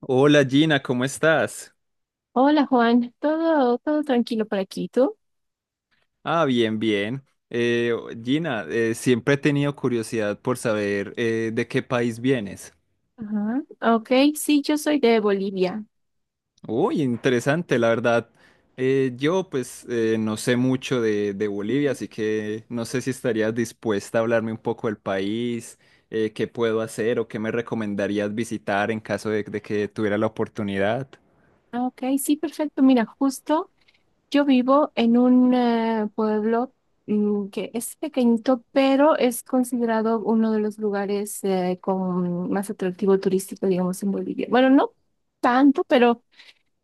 Hola Gina, ¿cómo estás? Hola Juan, todo tranquilo por aquí, ¿tú? Ah, bien, bien. Eh, Gina, siempre he tenido curiosidad por saber de qué país vienes. Ajá. Ok, sí, yo soy de Bolivia. Uy, interesante, la verdad. Yo pues no sé mucho de Bolivia, Ujú. así que no sé si estarías dispuesta a hablarme un poco del país, qué puedo hacer o qué me recomendarías visitar en caso de que tuviera la oportunidad. Ok, sí, perfecto. Mira, justo yo vivo en un pueblo que es pequeñito, pero es considerado uno de los lugares con más atractivo turístico, digamos, en Bolivia. Bueno, no tanto, pero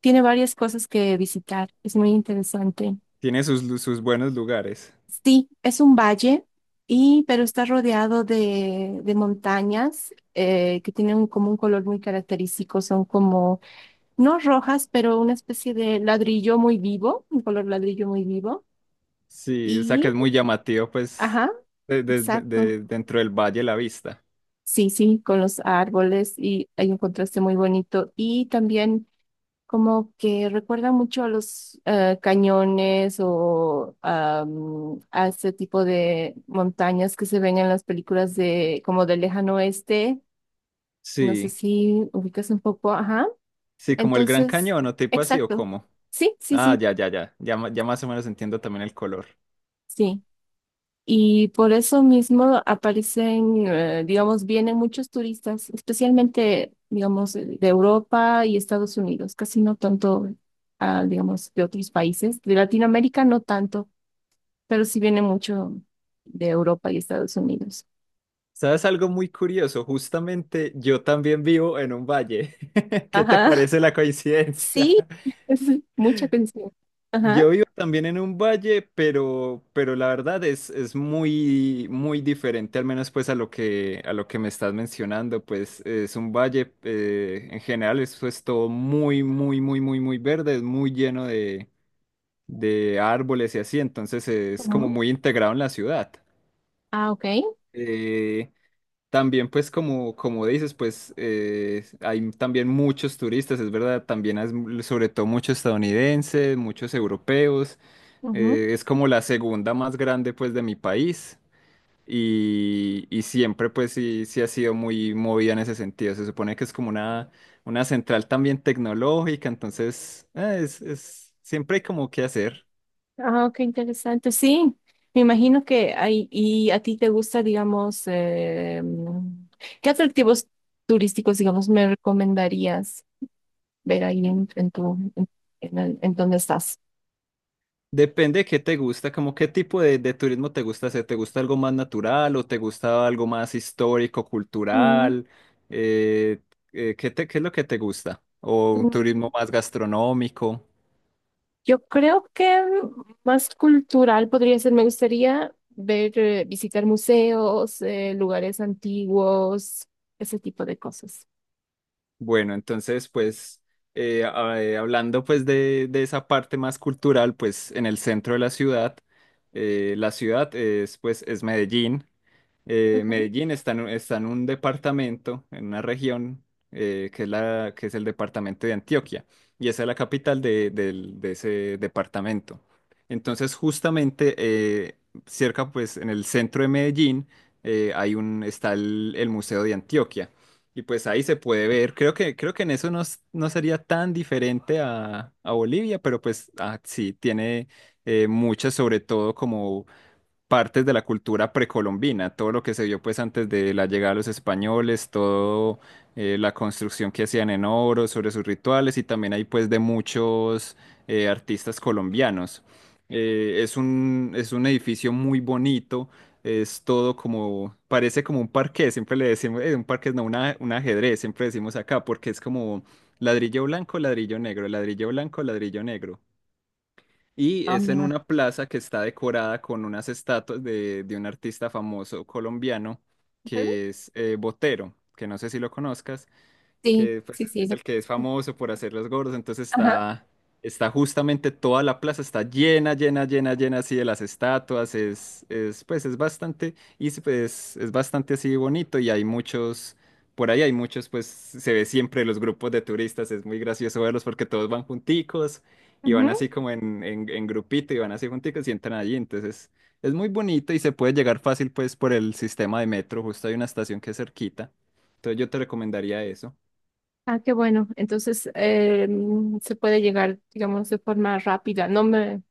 tiene varias cosas que visitar. Es muy interesante. Tiene sus buenos lugares. Sí, es un valle, y, pero está rodeado de montañas que tienen como un color muy característico, son como, no rojas, pero una especie de ladrillo muy vivo, un color ladrillo muy vivo. Sí, o sea Y, que es muy llamativo, pues, ajá, exacto. Dentro del valle la vista. Sí, sí, con los árboles y hay un contraste muy bonito. Y también como que recuerda mucho a los cañones o a ese tipo de montañas que se ven en las películas de como del lejano oeste. No sé Sí, si ubicas un poco, ajá. sí, como el Gran Entonces, Cañón o tipo así o exacto. como. Sí, sí, Ah, sí, ya más o menos entiendo también el color. sí. Y por eso mismo aparecen, digamos, vienen muchos turistas, especialmente, digamos, de Europa y Estados Unidos, casi no tanto, digamos, de otros países. De Latinoamérica no tanto, pero sí viene mucho de Europa y Estados Unidos. ¿Sabes algo muy curioso? Justamente yo también vivo en un valle. ¿Qué te Ajá. parece la coincidencia? Sí, es mucha atención. Yo Ajá. vivo también en un valle, pero la verdad es muy, muy diferente, al menos pues a a lo que me estás mencionando, pues es un valle, en general eso es todo muy verde, es muy lleno de árboles y así, entonces es como Ujú. muy integrado en la ciudad. Ah, ok. Eh, también pues como, como dices, pues hay también muchos turistas, es verdad, también hay sobre todo muchos estadounidenses, muchos europeos. Ujú. Es como la segunda más grande pues de mi país y siempre pues sí, sí ha sido muy movida en ese sentido. Se supone que es como una central también tecnológica, entonces siempre hay como que hacer. Ah, qué interesante. Sí, me imagino que hay, y a ti te gusta, digamos, ¿qué atractivos turísticos, digamos, me recomendarías ver ahí en tu, en el- en donde estás? Depende de qué te gusta, como qué tipo de turismo te gusta hacer. ¿Te gusta algo más natural o te gusta algo más histórico, cultural? Eh, ¿Qué qué es lo que te gusta? ¿O un Ujú. turismo más gastronómico? Yo creo que más cultural podría ser. Me gustaría ver, visitar museos, lugares antiguos, ese tipo de cosas. Bueno, entonces, pues, hablando pues de esa parte más cultural, pues en el centro de la ciudad es pues es Medellín, Ujú. Medellín está en un departamento, en una región, que es que es el departamento de Antioquia, y esa es la capital de ese departamento. Entonces, justamente cerca, pues, en el centro de Medellín, hay está el Museo de Antioquia. Y pues ahí se puede ver, creo que en eso no, no sería tan diferente a Bolivia, pero pues ah, sí, tiene muchas, sobre todo como partes de la cultura precolombina, todo lo que se vio pues antes de la llegada de los españoles, todo la construcción que hacían en oro sobre sus rituales y también hay pues de muchos artistas colombianos. Es un edificio muy bonito, es todo como, parece como un parqué, siempre le decimos, un parqué no, un ajedrez, siempre decimos acá, porque es como ladrillo blanco, ladrillo negro, ladrillo blanco, ladrillo negro. Y Ah, es en bueno. una plaza que está decorada con unas estatuas de un artista famoso colombiano Ujú. que es Botero, que no sé si lo conozcas Sí, que pues, sí, sí. es lo- el que es famoso por hacer los gordos, Ajá. Está justamente toda la plaza, está llena así de las estatuas, es pues es bastante, y pues es bastante así bonito y hay muchos, por ahí hay muchos, pues se ve siempre los grupos de turistas, es muy gracioso verlos porque todos van junticos y van Ujú. así como en grupito y van así junticos y entran allí, entonces es muy bonito y se puede llegar fácil pues por el sistema de metro, justo hay una estación que es cerquita, entonces yo te recomendaría eso. Ah, qué bueno. Entonces, se puede llegar, digamos, de forma rápida.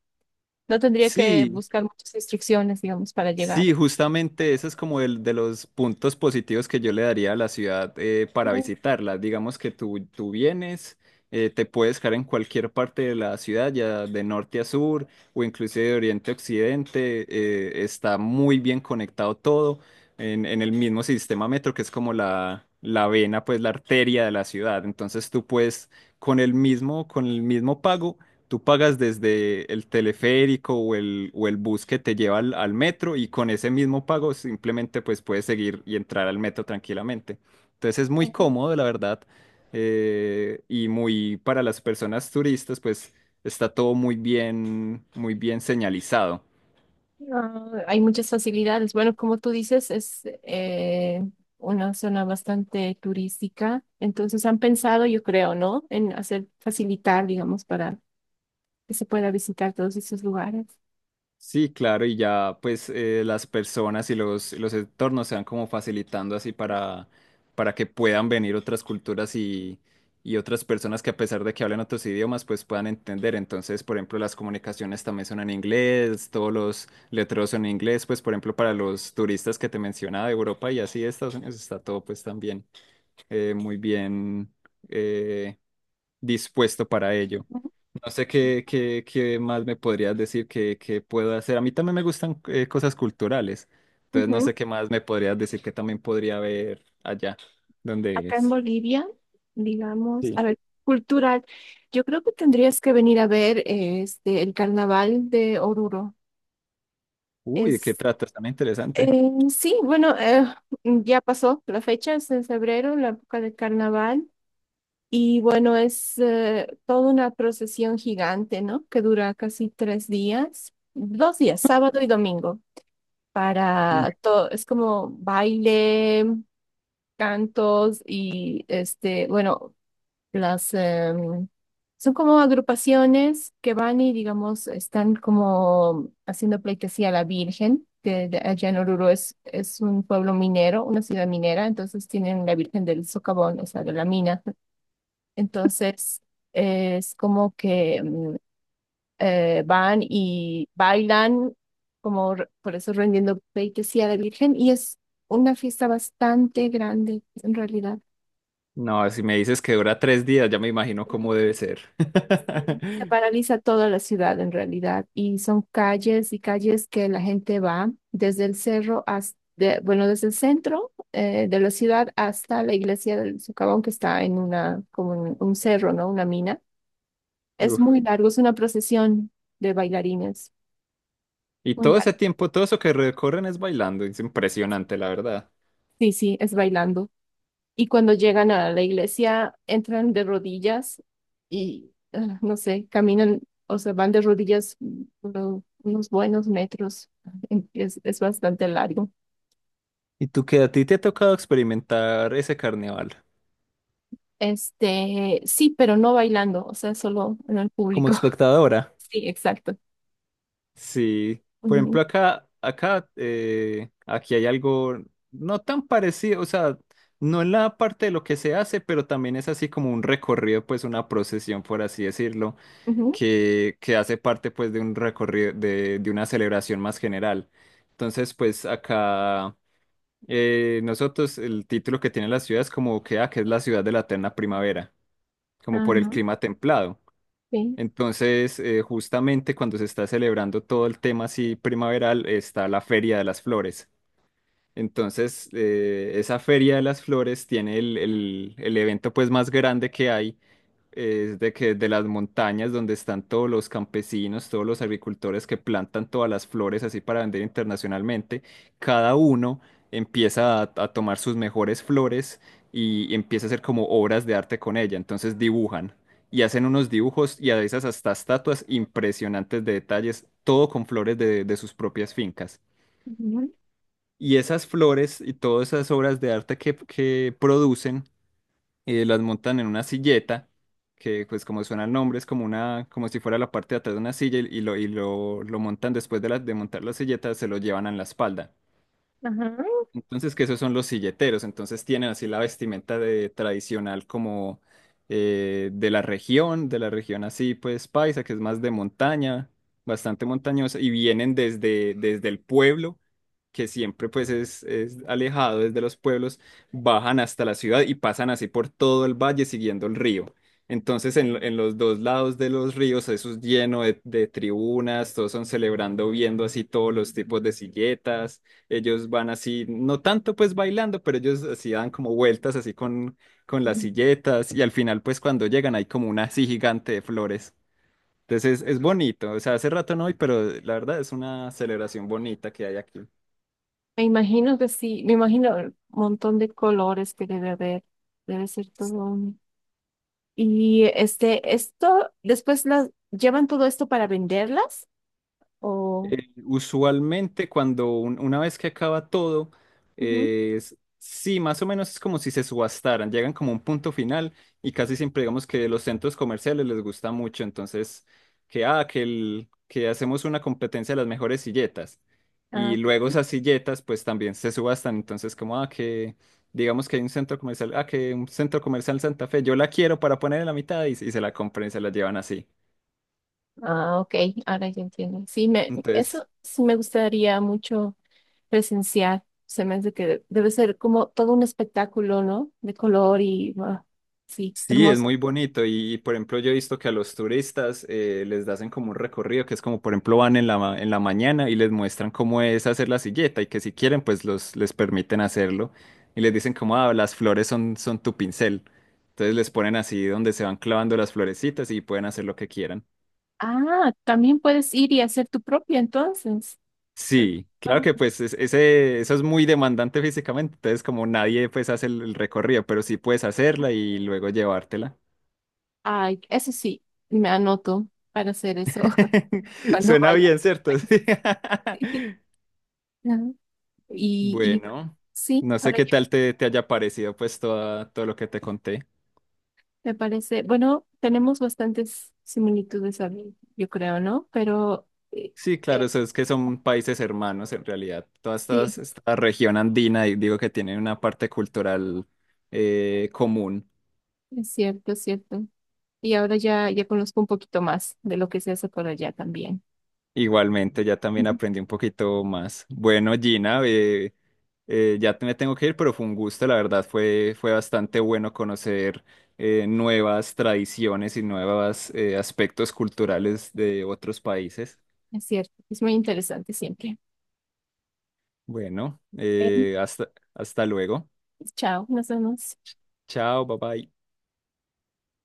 No tendría que Sí, buscar muchas instrucciones, digamos, para sí, llegar. justamente eso es como el de los puntos positivos que yo le daría a la ciudad para visitarla. Digamos que tú vienes, te puedes quedar en cualquier parte de la ciudad, ya de norte a sur o inclusive de oriente a occidente, está muy bien conectado todo en el mismo sistema metro que es como la vena, pues la arteria de la ciudad. Entonces tú puedes con el mismo pago. Tú pagas desde el teleférico o el bus que te lleva al metro y con ese mismo pago simplemente pues puedes seguir y entrar al metro tranquilamente. Entonces es muy cómodo, la verdad, y muy para las personas turistas pues está todo muy bien señalizado. Ah, hay muchas facilidades. Bueno, como tú dices, es una zona bastante turística, entonces han pensado, yo creo, ¿no? En hacer facilitar, digamos, para que se pueda visitar todos esos lugares. Sí, claro, y ya pues las personas y los entornos se van como facilitando así para que puedan venir otras culturas y otras personas que a pesar de que hablen otros idiomas pues puedan entender. Entonces, por ejemplo, las comunicaciones también son en inglés, todos los letreros son en inglés, pues por ejemplo para los turistas que te mencionaba de Europa y así de Estados Unidos está todo pues también muy bien eh, dispuesto para ello. Ujú. No sé qué más me podrías decir que puedo hacer. A mí también me gustan cosas culturales. Entonces no Ujú. sé qué más me podrías decir que también podría ver allá donde Acá en es. Bolivia, digamos, a Sí. ver, cultural, yo creo que tendrías que venir a ver el carnaval de Oruro. Uy, ¿de qué Es trata? Está muy interesante. Sí, bueno, ya pasó la fecha, es en febrero, la época del carnaval. Y bueno, es toda una procesión gigante, ¿no? Que dura casi tres días, dos días, sábado y domingo, Uy. para todo, es como baile, cantos y este, bueno, las son como agrupaciones que van y digamos están como haciendo pleitesía a la Virgen, allá en Oruro es un pueblo minero, una ciudad minera, entonces tienen la Virgen del Socavón, o sea, de la mina entonces, es como que van y bailan, por eso rendiendo pleitesía a la Virgen, y es una fiesta bastante grande, en realidad. No, si me dices que dura tres días, ya me imagino cómo debe ser. Sí. Se paraliza toda la ciudad, en realidad, y son calles y calles que la gente va desde el cerro hasta, bueno, desde el centro de la ciudad hasta la iglesia del Socavón, que está en una, como en un cerro, ¿no? Una mina. Es Uf. muy largo, es una procesión de bailarines. Y Muy todo larga. ese tiempo, todo eso que recorren es bailando. Es impresionante, la verdad. Sí, sí, es bailando. Y cuando llegan a la iglesia, entran de rodillas y, ah, no sé, caminan, o sea, van de rodillas unos buenos metros. Es bastante largo. ¿Y tú qué a ti te ha tocado experimentar ese carnaval Este, sí, pero no bailando, o sea, solo en el como público. espectadora? Sí, exacto. Sí, por Ujú, ejemplo, aquí hay algo no tan parecido, o sea, no en la parte de lo que se hace, pero también es así como un recorrido, pues una procesión, por así decirlo, ujú, que hace parte pues de un recorrido, de una celebración más general. Entonces, pues acá nosotros, el título que tiene la ciudad es como que, ah, que es la ciudad de la eterna primavera, como por el ajá, clima templado. sí, Entonces, justamente cuando se está celebrando todo el tema así primaveral, está la Feria de las Flores. Entonces, esa Feria de las Flores tiene el evento pues más grande que hay, es de que de las montañas donde están todos los campesinos, todos los agricultores que plantan todas las flores así para vender internacionalmente, cada uno empieza a tomar sus mejores flores y empieza a hacer como obras de arte con ella. Entonces dibujan y hacen unos dibujos y a veces hasta estatuas impresionantes de detalles, todo con flores de sus propias fincas. ujú, Y esas flores y todas esas obras de arte que producen las montan en una silleta, que pues como suena el nombre, es como una, como si fuera la parte de atrás de una silla lo montan después de, de montar la silleta, se lo llevan en la espalda. ajá. Entonces, que esos son los silleteros, entonces tienen así la vestimenta de tradicional como de la región así pues paisa, que es más de montaña, bastante montañosa, y vienen desde el pueblo que siempre pues es alejado desde los pueblos, bajan hasta la ciudad y pasan así por todo el valle siguiendo el río. Entonces en los dos lados de los ríos eso es lleno de tribunas, todos son celebrando, viendo así todos los tipos de silletas, ellos van así, no tanto pues bailando, pero ellos así dan como vueltas así con las Ujú. silletas y al final pues cuando llegan hay como una así gigante de flores. Entonces es bonito, o sea, hace rato no voy, pero la verdad es una celebración bonita que hay aquí. Me imagino que sí, me imagino el montón de colores que debe haber. Debe ser todo. Y este, esto, después las llevan todo esto para venderlas o... Usualmente cuando una vez que acaba todo, Ujú. Sí, más o menos es como si se subastaran, llegan como a un punto final y casi siempre digamos que los centros comerciales les gusta mucho, entonces que, ah, que, el- que hacemos una competencia de las mejores silletas Ah, y luego ok. esas silletas pues también se subastan, entonces como, ah, que digamos que hay un centro comercial, ah, que un centro comercial Santa Fe, yo la quiero para poner en la mitad y se la compran y se la llevan así. Ah, ok, ahora ya entiendo. Sí, me, Entonces, eso sí me gustaría mucho presenciar. Se me hace que debe ser como todo un espectáculo, ¿no? De color y ah, sí, sí, es hermoso. muy bonito y, por ejemplo yo he visto que a los turistas les hacen como un recorrido que es como por ejemplo van en en la mañana y les muestran cómo es hacer la silleta y que si quieren les permiten hacerlo y les dicen como ah, las flores son tu pincel. Entonces les ponen así donde se van clavando las florecitas y pueden hacer lo que quieran. Ah, también puedes ir y hacer tu propia entonces. Sí, Ah, claro que pues eso es muy demandante físicamente, entonces como nadie pues hace el recorrido, pero sí puedes hacerla y luego llevártela. ay, eso sí, me anoto para hacer eso cuando Suena vaya. bien, ¿cierto? Sí. Sí. Y bueno, Bueno, sí, no sé ahora qué ya tal te haya parecido pues todo lo que te conté. me parece, bueno, tenemos bastantes similitudes, Abby, yo creo, ¿no? Pero Sí, claro, eh, eso es que son países hermanos en realidad. Toda sí, esta región andina, y digo que tiene una parte cultural común. es cierto, es cierto. Y ahora ya, ya conozco un poquito más de lo que se hace por allá también. Igualmente, ya también Ujú. aprendí un poquito más. Bueno, Gina, me tengo que ir, pero fue un gusto, la verdad, fue bastante bueno conocer nuevas tradiciones y nuevos aspectos culturales de otros países. Es cierto, es muy interesante siempre. Bueno, Ven, hasta luego. chao, nos vemos. Chao, bye bye.